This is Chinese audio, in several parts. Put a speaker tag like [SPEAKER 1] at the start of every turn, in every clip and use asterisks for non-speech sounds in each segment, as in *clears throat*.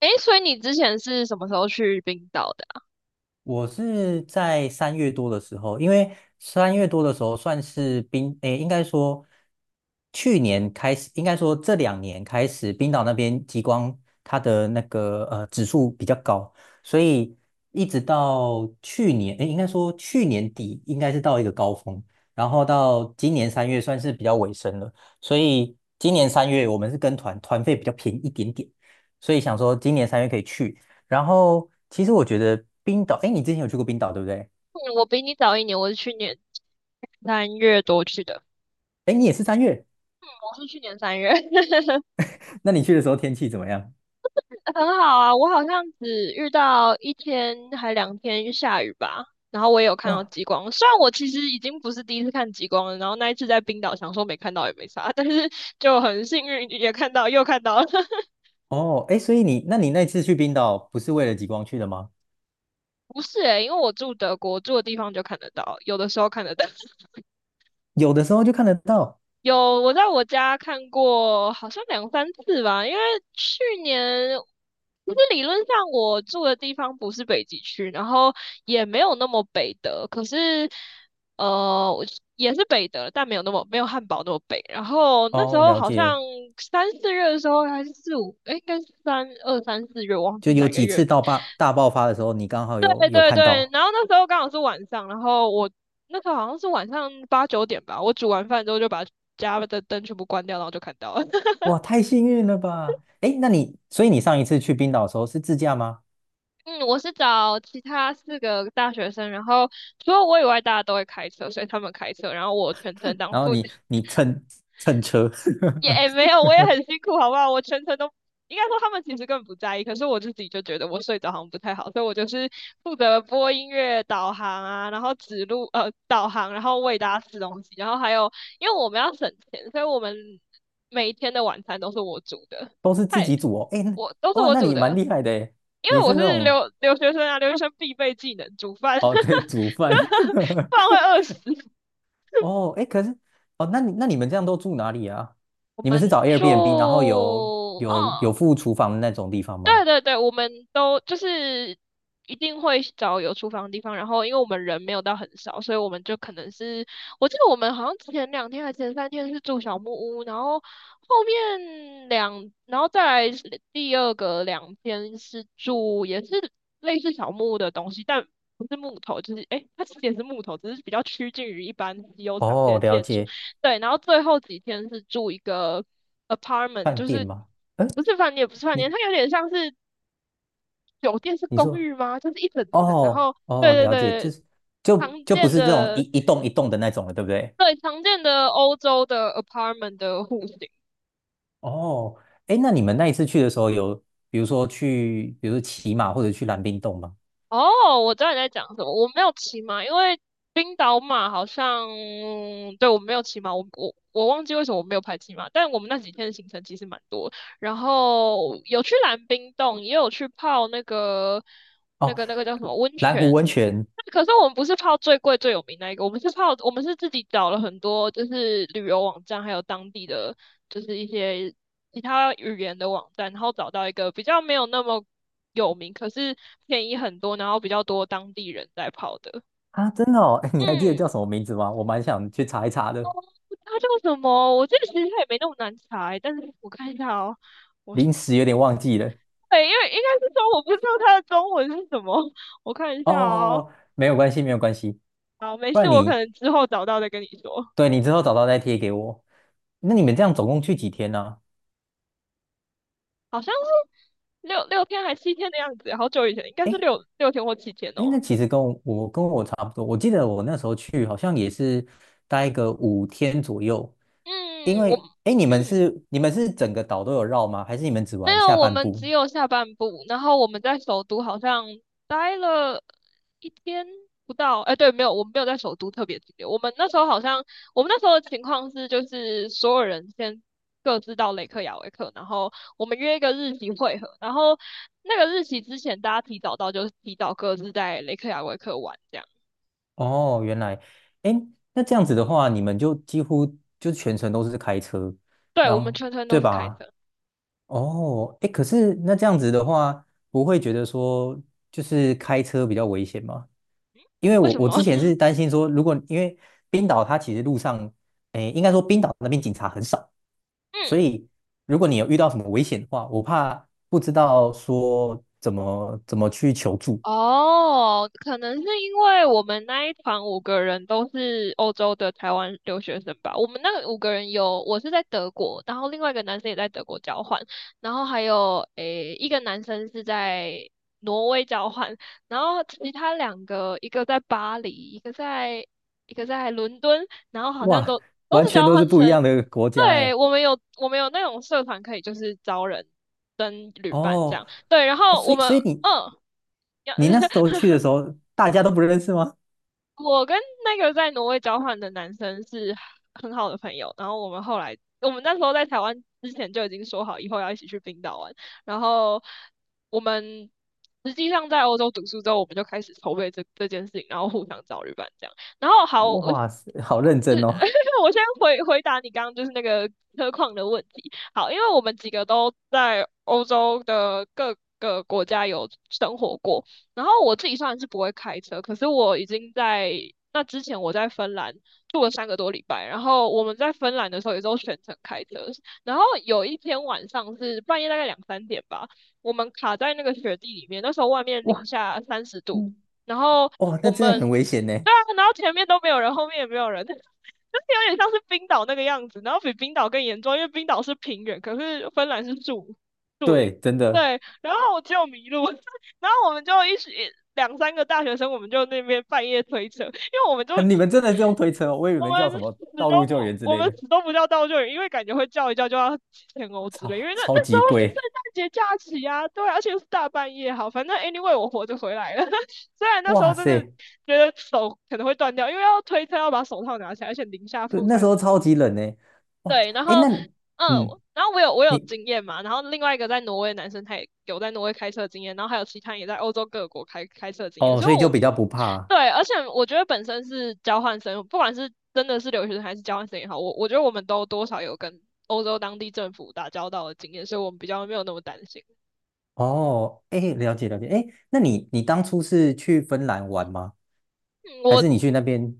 [SPEAKER 1] 诶，所以你之前是什么时候去冰岛的啊。
[SPEAKER 2] 我是在三月多的时候，因为三月多的时候算是应该说去年开始，应该说这两年开始，冰岛那边极光它的那个指数比较高，所以一直到去年，应该说去年底应该是到一个高峰，然后到今年三月算是比较尾声了，所以今年三月我们是跟团，团费比较便宜一点点，所以想说今年三月可以去。然后其实我觉得冰岛，哎，你之前有去过冰岛对不对？
[SPEAKER 1] 嗯，我比你早一年，我是去年三月多去的。
[SPEAKER 2] 哎，你也是三月，
[SPEAKER 1] 我是去年三月，*laughs*
[SPEAKER 2] 那你去的时候天气怎么样？
[SPEAKER 1] 很好啊。我好像只遇到一天还两天下雨吧，然后我也有看到
[SPEAKER 2] 哇，
[SPEAKER 1] 极光。虽然我其实已经不是第一次看极光了，然后那一次在冰岛想说没看到也没啥，*laughs* 但是就很幸运也看到，又看到了。*laughs*
[SPEAKER 2] 哦，哎，所以你，那你那次去冰岛不是为了极光去的吗？
[SPEAKER 1] 不是诶，因为我住德国，住的地方就看得到，有的时候看得到。
[SPEAKER 2] 有的时候就看得到。
[SPEAKER 1] 有，我在我家看过，好像两三次吧。因为去年，其实理论上我住的地方不是北极区，然后也没有那么北的。可是，我也是北的，但没有汉堡那么北。然后那时
[SPEAKER 2] 哦，
[SPEAKER 1] 候
[SPEAKER 2] 了
[SPEAKER 1] 好
[SPEAKER 2] 解，
[SPEAKER 1] 像三四月的时候还是四五，应该是三四月，忘
[SPEAKER 2] 就
[SPEAKER 1] 记
[SPEAKER 2] 有
[SPEAKER 1] 哪个
[SPEAKER 2] 几
[SPEAKER 1] 月。
[SPEAKER 2] 次到大爆发的时候，你刚好有
[SPEAKER 1] 对
[SPEAKER 2] 有
[SPEAKER 1] 对
[SPEAKER 2] 看
[SPEAKER 1] 对，
[SPEAKER 2] 到。
[SPEAKER 1] 然后那时候刚好是晚上，然后我那时候好像是晚上8、9点吧，我煮完饭之后就把家的灯全部关掉，然后就看到了。*laughs*
[SPEAKER 2] 哇，太幸运了吧！哎，所以你上一次去冰岛的时候是自驾吗？
[SPEAKER 1] 嗯，我是找其他4个大学生，然后除了我以外，大家都会开车，所以他们开车，然后我全程当
[SPEAKER 2] 然后
[SPEAKER 1] 副驾。
[SPEAKER 2] 你蹭车，
[SPEAKER 1] 没
[SPEAKER 2] *laughs*
[SPEAKER 1] 有，我也很辛苦，好不好？我全程都应该说他们其实根本不在意，可是我自己就觉得我睡着好像不太好，所以我就是负责播音乐、导航啊，然后指路导航，然后喂大家吃东西，然后还有因为我们要省钱，所以我们每一天的晚餐都是我煮的。
[SPEAKER 2] 都是自
[SPEAKER 1] 嗨，
[SPEAKER 2] 己组哦。哎，那
[SPEAKER 1] 我都是
[SPEAKER 2] 哇，
[SPEAKER 1] 我
[SPEAKER 2] 那
[SPEAKER 1] 煮
[SPEAKER 2] 你蛮
[SPEAKER 1] 的，
[SPEAKER 2] 厉害的诶，
[SPEAKER 1] 因为
[SPEAKER 2] 你
[SPEAKER 1] 我
[SPEAKER 2] 是那
[SPEAKER 1] 是
[SPEAKER 2] 种
[SPEAKER 1] 留学生啊，留学生必备技能煮饭，
[SPEAKER 2] *laughs* 哦，对，煮饭。
[SPEAKER 1] *laughs* 不然
[SPEAKER 2] *laughs*
[SPEAKER 1] 会饿死。
[SPEAKER 2] 哦，哎，可是，哦，那你们这样都住哪里啊？
[SPEAKER 1] 我
[SPEAKER 2] 你们是
[SPEAKER 1] 们
[SPEAKER 2] 找
[SPEAKER 1] 住，
[SPEAKER 2] Airbnb，然后有有
[SPEAKER 1] 嗯，
[SPEAKER 2] 有附厨房的那种地方吗？
[SPEAKER 1] 对对对，我们都就是一定会找有厨房的地方，然后因为我们人没有到很少，所以我们就可能是，我记得我们好像前两天还前三天是住小木屋，然后后面两，然后再来是第二个两天是住也是类似小木屋的东西，但不是木头，就是诶，它其实也是木头，只是比较趋近于一般稀有常见
[SPEAKER 2] 哦，
[SPEAKER 1] 的
[SPEAKER 2] 了
[SPEAKER 1] 建筑。
[SPEAKER 2] 解，
[SPEAKER 1] 对，然后最后几天是住一个apartment，
[SPEAKER 2] 饭
[SPEAKER 1] 就
[SPEAKER 2] 店
[SPEAKER 1] 是
[SPEAKER 2] 吗？嗯，
[SPEAKER 1] 不是饭店，也不是饭店，
[SPEAKER 2] 你
[SPEAKER 1] 它有点像是酒店，是
[SPEAKER 2] 你
[SPEAKER 1] 公
[SPEAKER 2] 说，
[SPEAKER 1] 寓吗？就是一整层，然
[SPEAKER 2] 哦
[SPEAKER 1] 后对
[SPEAKER 2] 哦，
[SPEAKER 1] 对
[SPEAKER 2] 了解，就
[SPEAKER 1] 对，
[SPEAKER 2] 是就
[SPEAKER 1] 常
[SPEAKER 2] 就不
[SPEAKER 1] 见
[SPEAKER 2] 是这种一
[SPEAKER 1] 的
[SPEAKER 2] 一栋一栋的那种了，对不对？
[SPEAKER 1] 对，常见的欧洲的 apartment 的户型。
[SPEAKER 2] 哦，哎，那你们那一次去的时候有，比如说去，比如说骑马或者去蓝冰洞吗？
[SPEAKER 1] 哦，我知道你在讲什么，我没有骑马，因为冰岛马好像，对，我没有骑马，我忘记为什么我没有排骑马，但我们那几天的行程其实蛮多，然后有去蓝冰洞，也有去泡那个
[SPEAKER 2] 哦，
[SPEAKER 1] 叫什么温
[SPEAKER 2] 蓝湖
[SPEAKER 1] 泉。
[SPEAKER 2] 温泉
[SPEAKER 1] 可是我们不是泡最贵最有名那一个，我们是泡，我们是自己找了很多就是旅游网站，还有当地的就是一些其他语言的网站，然后找到一个比较没有那么有名，可是便宜很多，然后比较多当地人在泡的。
[SPEAKER 2] 啊，真的哦，哎，你还记得
[SPEAKER 1] 嗯，
[SPEAKER 2] 叫什么名字吗？我蛮想去查一查的。
[SPEAKER 1] 它叫什么？我记得其实它也没那么难猜，但是我看一下哦，我是
[SPEAKER 2] 临时有点忘记了。
[SPEAKER 1] 对，因为应该是说我不知道它的中文是什么，我看一
[SPEAKER 2] 哦哦
[SPEAKER 1] 下哦。
[SPEAKER 2] 哦，没有关系，没有关系。
[SPEAKER 1] 好，没
[SPEAKER 2] 不
[SPEAKER 1] 事，
[SPEAKER 2] 然
[SPEAKER 1] 我可
[SPEAKER 2] 你，
[SPEAKER 1] 能之后找到再跟你说。
[SPEAKER 2] 对，你之后找到再贴给我。那你们这样总共去几天呢、
[SPEAKER 1] 好像是六天还七天的样子，好久以前，应该
[SPEAKER 2] 诶
[SPEAKER 1] 是六天或七天
[SPEAKER 2] 哎哎，那
[SPEAKER 1] 哦。
[SPEAKER 2] 其实跟我差不多。我记得我那时候去好像也是待个5天左右，因
[SPEAKER 1] 嗯，我
[SPEAKER 2] 为哎，诶你们
[SPEAKER 1] *clears throat*
[SPEAKER 2] 是你们是整个岛都有绕吗？还是你们只
[SPEAKER 1] 没
[SPEAKER 2] 玩
[SPEAKER 1] 有，
[SPEAKER 2] 下
[SPEAKER 1] 我
[SPEAKER 2] 半
[SPEAKER 1] 们
[SPEAKER 2] 部？
[SPEAKER 1] 只有下半部，然后我们在首都好像待了一天不到，哎，对，没有，我们没有在首都特别停留。我们那时候好像，我们那时候的情况是，就是所有人先各自到雷克雅维克，然后我们约一个日期会合，然后那个日期之前大家提早到，就是提早各自在雷克雅维克玩这样。
[SPEAKER 2] 哦，原来，哎，那这样子的话，你们就几乎就全程都是开车，
[SPEAKER 1] 对，我
[SPEAKER 2] 然
[SPEAKER 1] 们
[SPEAKER 2] 后
[SPEAKER 1] 全程
[SPEAKER 2] 对
[SPEAKER 1] 都是开
[SPEAKER 2] 吧？
[SPEAKER 1] 车，
[SPEAKER 2] 哦，哎，可是那这样子的话，不会觉得说就是开车比较危险吗？因为
[SPEAKER 1] 为
[SPEAKER 2] 我
[SPEAKER 1] 什
[SPEAKER 2] 我
[SPEAKER 1] 么？
[SPEAKER 2] 之前
[SPEAKER 1] *laughs*
[SPEAKER 2] 是担心说，如果因为冰岛它其实路上，哎，应该说冰岛那边警察很少，
[SPEAKER 1] 嗯，
[SPEAKER 2] 所以如果你有遇到什么危险的话，我怕不知道说怎么去求助。
[SPEAKER 1] 哦，可能是因为我们那一团五个人都是欧洲的台湾留学生吧。我们那个五个人有，我是在德国，然后另外一个男生也在德国交换，然后还有一个男生是在挪威交换，然后其他两个一个在巴黎，一个在伦敦，然后好像
[SPEAKER 2] 哇，
[SPEAKER 1] 都都
[SPEAKER 2] 完
[SPEAKER 1] 是
[SPEAKER 2] 全
[SPEAKER 1] 交
[SPEAKER 2] 都是
[SPEAKER 1] 换
[SPEAKER 2] 不一
[SPEAKER 1] 生。
[SPEAKER 2] 样的国家
[SPEAKER 1] 对，
[SPEAKER 2] 哎。
[SPEAKER 1] 我们有我们有那种社团可以就是招人跟旅伴这样。
[SPEAKER 2] 哦，
[SPEAKER 1] 对，然
[SPEAKER 2] 哦
[SPEAKER 1] 后
[SPEAKER 2] 所
[SPEAKER 1] 我
[SPEAKER 2] 以
[SPEAKER 1] 们
[SPEAKER 2] 所以你
[SPEAKER 1] 嗯。要 *laughs*
[SPEAKER 2] 你那时候去的时候，大家都不认识吗？
[SPEAKER 1] 我跟那个在挪威交换的男生是很好的朋友，然后我们后来，我们那时候在台湾之前就已经说好以后要一起去冰岛玩，然后我们实际上在欧洲读书之后，我们就开始筹备这这件事情，然后互相找旅伴这样。然后好，我
[SPEAKER 2] 哇塞，好认真哦。
[SPEAKER 1] *laughs* 我先回答你刚刚就是那个车况的问题。好，因为我们几个都在欧洲的各个国家有生活过，然后我自己虽然是不会开车，可是我已经在那之前我在芬兰住了3个多礼拜，然后我们在芬兰的时候也都全程开车，然后有一天晚上是半夜大概2、3点吧，我们卡在那个雪地里面，那时候外面零
[SPEAKER 2] 哇。
[SPEAKER 1] 下三十度，然后
[SPEAKER 2] 哦，
[SPEAKER 1] 我
[SPEAKER 2] 那真的很
[SPEAKER 1] 们
[SPEAKER 2] 危险呢。
[SPEAKER 1] 对啊，然后前面都没有人，后面也没有人。*laughs* 就是有点像是冰岛那个样子，然后比冰岛更严重，因为冰岛是平原，可是芬兰是树林，
[SPEAKER 2] 对，真的，
[SPEAKER 1] 对，然后我就迷路，*laughs* 我然后我们就一起2、3个大学生，我们就那边半夜推车，因为我们就
[SPEAKER 2] 你们真的这种推车哦，我以为你
[SPEAKER 1] 我
[SPEAKER 2] 们叫什
[SPEAKER 1] 们死
[SPEAKER 2] 么道路救援之
[SPEAKER 1] 我
[SPEAKER 2] 类
[SPEAKER 1] 们
[SPEAKER 2] 的，
[SPEAKER 1] 死都不叫道救援，因为感觉会叫一叫就要几千欧之类，因
[SPEAKER 2] 超
[SPEAKER 1] 为那
[SPEAKER 2] 超
[SPEAKER 1] 那时
[SPEAKER 2] 级
[SPEAKER 1] 候是圣
[SPEAKER 2] 贵，
[SPEAKER 1] 诞节假期啊，对啊而且又是大半夜，好，反正 anyway 我活着回来了，*laughs* 虽然那时
[SPEAKER 2] 哇
[SPEAKER 1] 候真的
[SPEAKER 2] 塞，
[SPEAKER 1] 觉得手可能会断掉，因为要推车要把手套拿起来，而且零下
[SPEAKER 2] 对，
[SPEAKER 1] 负
[SPEAKER 2] 那时
[SPEAKER 1] 三
[SPEAKER 2] 候
[SPEAKER 1] 十
[SPEAKER 2] 超级冷呢，哇，
[SPEAKER 1] 对，然
[SPEAKER 2] 哎，
[SPEAKER 1] 后
[SPEAKER 2] 那你
[SPEAKER 1] 嗯，
[SPEAKER 2] 嗯，
[SPEAKER 1] 然后我有
[SPEAKER 2] 你
[SPEAKER 1] 经验嘛，然后另外一个在挪威的男生他也有在挪威开车的经验，然后还有其他也在欧洲各国开车的经验，
[SPEAKER 2] 哦，
[SPEAKER 1] 所以
[SPEAKER 2] 所以就
[SPEAKER 1] 我
[SPEAKER 2] 比较不怕啊
[SPEAKER 1] 对，而且我觉得本身是交换生，不管是真的是留学生还是交换生也好，我觉得我们都多少有跟欧洲当地政府打交道的经验，所以我们比较没有那么担心。
[SPEAKER 2] 哦，哎，了解了解，哎，那你当初是去芬兰玩吗？
[SPEAKER 1] 嗯。
[SPEAKER 2] 还是你去那边，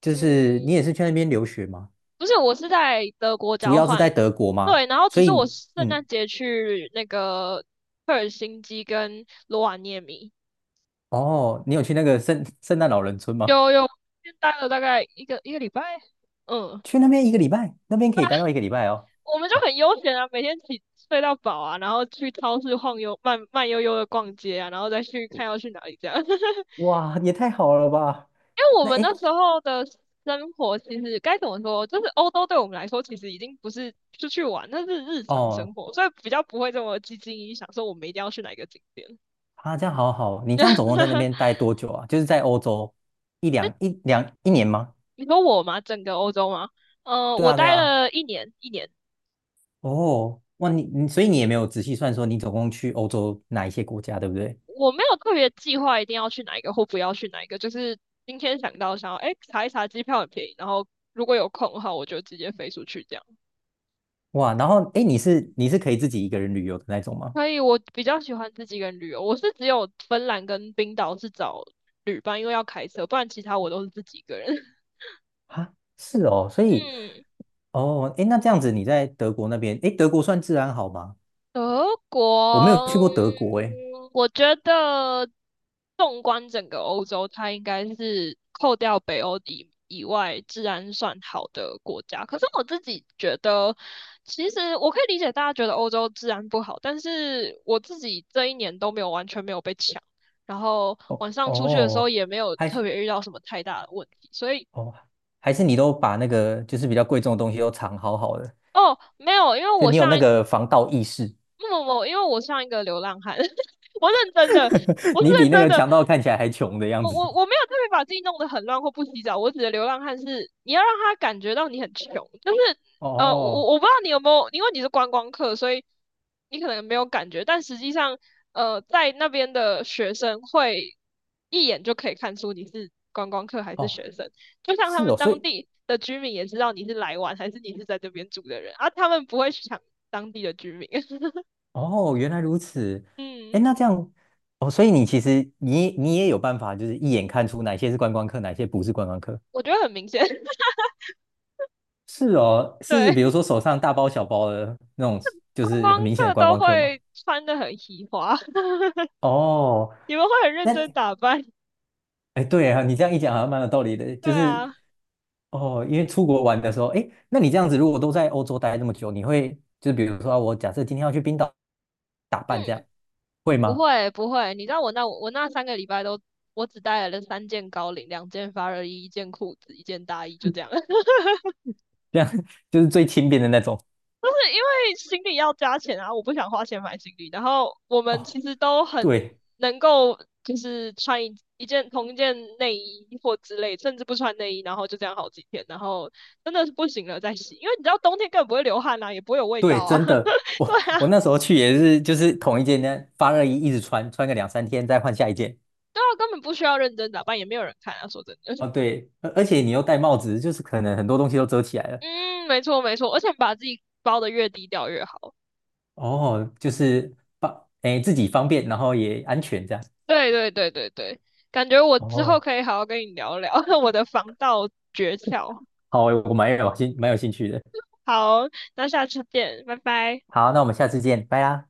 [SPEAKER 2] 就是你也
[SPEAKER 1] 嗯，
[SPEAKER 2] 是去那边留学吗？
[SPEAKER 1] 不是，我是在德国
[SPEAKER 2] 主
[SPEAKER 1] 交
[SPEAKER 2] 要是
[SPEAKER 1] 换，
[SPEAKER 2] 在德国吗？
[SPEAKER 1] 对，然后只
[SPEAKER 2] 所
[SPEAKER 1] 是
[SPEAKER 2] 以
[SPEAKER 1] 我
[SPEAKER 2] 你
[SPEAKER 1] 圣
[SPEAKER 2] 嗯，
[SPEAKER 1] 诞节去那个赫尔辛基跟罗瓦涅米。
[SPEAKER 2] 哦，你有去那个圣诞老人村吗？
[SPEAKER 1] 有有，先待了大概一个礼拜，嗯，
[SPEAKER 2] 去那边一个礼拜，那边可以待到一个礼拜哦。
[SPEAKER 1] 我们就很悠闲啊，每天起睡到饱啊，然后去超市晃悠，慢慢悠悠的逛街啊，然后再去看要去哪里这样。*laughs*
[SPEAKER 2] 哇，也太好了吧？
[SPEAKER 1] 因为我
[SPEAKER 2] 那
[SPEAKER 1] 们那
[SPEAKER 2] 诶，
[SPEAKER 1] 时候的生活其实该怎么说，就是欧洲对我们来说其实已经不是出去玩，那是日常生
[SPEAKER 2] 哦，
[SPEAKER 1] 活，所以比较不会这么积极影响，说我们一定要去哪一个景点。
[SPEAKER 2] 啊，这样好好。你这样总共在那
[SPEAKER 1] *laughs*
[SPEAKER 2] 边待多久啊？就是在欧洲一年吗？
[SPEAKER 1] 你说我吗？整个欧洲吗？
[SPEAKER 2] 对
[SPEAKER 1] 我
[SPEAKER 2] 啊，对
[SPEAKER 1] 待
[SPEAKER 2] 啊。
[SPEAKER 1] 了1年,1年。
[SPEAKER 2] 哦，哇，所以你也没有仔细算说你总共去欧洲哪一些国家，对不对？
[SPEAKER 1] 我没有特别计划一定要去哪一个或不要去哪一个，就是今天想到想要，哎，查一查机票很便宜，然后如果有空的话，我就直接飞出去这样。
[SPEAKER 2] 哇，然后你是可以自己一个人旅游的那种吗？
[SPEAKER 1] 所以我比较喜欢自己一个人旅游，我是只有芬兰跟冰岛是找旅伴，因为要开车，不然其他我都是自己一个人。*laughs*
[SPEAKER 2] 啊，是哦，所以
[SPEAKER 1] 嗯。
[SPEAKER 2] 哦，那这样子你在德国那边，德国算治安好吗？
[SPEAKER 1] 德
[SPEAKER 2] 我没有去
[SPEAKER 1] 国，
[SPEAKER 2] 过德国，诶。
[SPEAKER 1] 我觉得纵观整个欧洲，它应该是扣掉北欧以外治安算好的国家。可是我自己觉得，其实我可以理解大家觉得欧洲治安不好，但是我自己这一年都没有完全没有被抢，然后
[SPEAKER 2] 哦
[SPEAKER 1] 晚上出去的时候
[SPEAKER 2] 哦，
[SPEAKER 1] 也没有特
[SPEAKER 2] 还
[SPEAKER 1] 别遇到什么太大的问题，所以。
[SPEAKER 2] 哦，还是你都把那个就是比较贵重的东西都藏好好的，
[SPEAKER 1] 哦，没有，因为
[SPEAKER 2] 就
[SPEAKER 1] 我
[SPEAKER 2] 你有
[SPEAKER 1] 上
[SPEAKER 2] 那个防盗意识，
[SPEAKER 1] 不不不，因为我像一个流浪汉，*laughs* 我认真的，
[SPEAKER 2] *laughs*
[SPEAKER 1] 我是
[SPEAKER 2] 你
[SPEAKER 1] 认
[SPEAKER 2] 比那
[SPEAKER 1] 真
[SPEAKER 2] 个
[SPEAKER 1] 的，
[SPEAKER 2] 强盗看起来还穷的样
[SPEAKER 1] 我
[SPEAKER 2] 子。
[SPEAKER 1] 我我没有特别把自己弄得很乱或不洗澡，我指的流浪汉是你要让他感觉到你很穷，就是呃，我
[SPEAKER 2] 哦
[SPEAKER 1] 我我不知道你有没有，因为你是观光客，所以你可能没有感觉，但实际上在那边的学生会一眼就可以看出你是观光客还是
[SPEAKER 2] 哦，
[SPEAKER 1] 学生，就像他
[SPEAKER 2] 是
[SPEAKER 1] 们
[SPEAKER 2] 哦，所
[SPEAKER 1] 当
[SPEAKER 2] 以
[SPEAKER 1] 地的居民也知道你是来玩还是你是在这边住的人，啊，他们不会抢当地的居民。*laughs*
[SPEAKER 2] 哦，原来如此。哎，
[SPEAKER 1] 嗯，
[SPEAKER 2] 那这样哦，所以你其实你也有办法，就是一眼看出哪些是观光客，哪些不是观光客。
[SPEAKER 1] 我觉得很明显，*laughs*
[SPEAKER 2] 是哦，是
[SPEAKER 1] 对，
[SPEAKER 2] 比如说手上大包小包的那种，就
[SPEAKER 1] 观
[SPEAKER 2] 是很
[SPEAKER 1] 光
[SPEAKER 2] 明显的
[SPEAKER 1] 客
[SPEAKER 2] 观
[SPEAKER 1] 都
[SPEAKER 2] 光客嘛。
[SPEAKER 1] 会穿的很喜花，*laughs*
[SPEAKER 2] 哦，
[SPEAKER 1] 你们会很认
[SPEAKER 2] 那
[SPEAKER 1] 真打扮，
[SPEAKER 2] 哎，对啊，你这样一讲好像蛮有道理的，
[SPEAKER 1] 对
[SPEAKER 2] 就是
[SPEAKER 1] 啊，
[SPEAKER 2] 哦，因为出国玩的时候，哎，那你这样子如果都在欧洲待那么久，你会就比如说啊我假设今天要去冰岛打扮，这样
[SPEAKER 1] 嗯，
[SPEAKER 2] 会
[SPEAKER 1] 不
[SPEAKER 2] 吗？
[SPEAKER 1] 会不会，你知道我那我那3个礼拜都，我只带了3件高领，2件发热衣，1件裤子，1件大衣，就这样。*laughs*
[SPEAKER 2] 这样 *laughs* 就是最轻便的那种。
[SPEAKER 1] 对，因为行李要加钱啊，我不想花钱买行李。然后我们
[SPEAKER 2] 哦，
[SPEAKER 1] 其实都很
[SPEAKER 2] 对
[SPEAKER 1] 能够，就是穿一件同一件内衣或之类，甚至不穿内衣，然后就这样好几天，然后真的是不行了再洗，因为你知道冬天根本不会流汗啊，也不会有味
[SPEAKER 2] 对，
[SPEAKER 1] 道啊。
[SPEAKER 2] 真的，
[SPEAKER 1] *laughs* 对
[SPEAKER 2] 我
[SPEAKER 1] 啊，
[SPEAKER 2] 我那时候去也是，就是同一件呢发热衣一直穿，穿个两三天再换下一件。
[SPEAKER 1] 对啊，根本不需要认真打扮，也没有人看啊。说真的，
[SPEAKER 2] 哦，对，而且你又戴帽子，就是可能很多东西都遮起来了。
[SPEAKER 1] 嗯，没错没错，而且把自己包的越低调越好。
[SPEAKER 2] 哦，就是自己方便，然后也安全这样。
[SPEAKER 1] 对对对对对，感觉我之后
[SPEAKER 2] 哦，
[SPEAKER 1] 可以好好跟你聊聊 *laughs* 我的防盗诀窍。
[SPEAKER 2] 好，我蛮有兴趣的。
[SPEAKER 1] 好，那下次见，拜拜。
[SPEAKER 2] 好，那我们下次见，拜啦。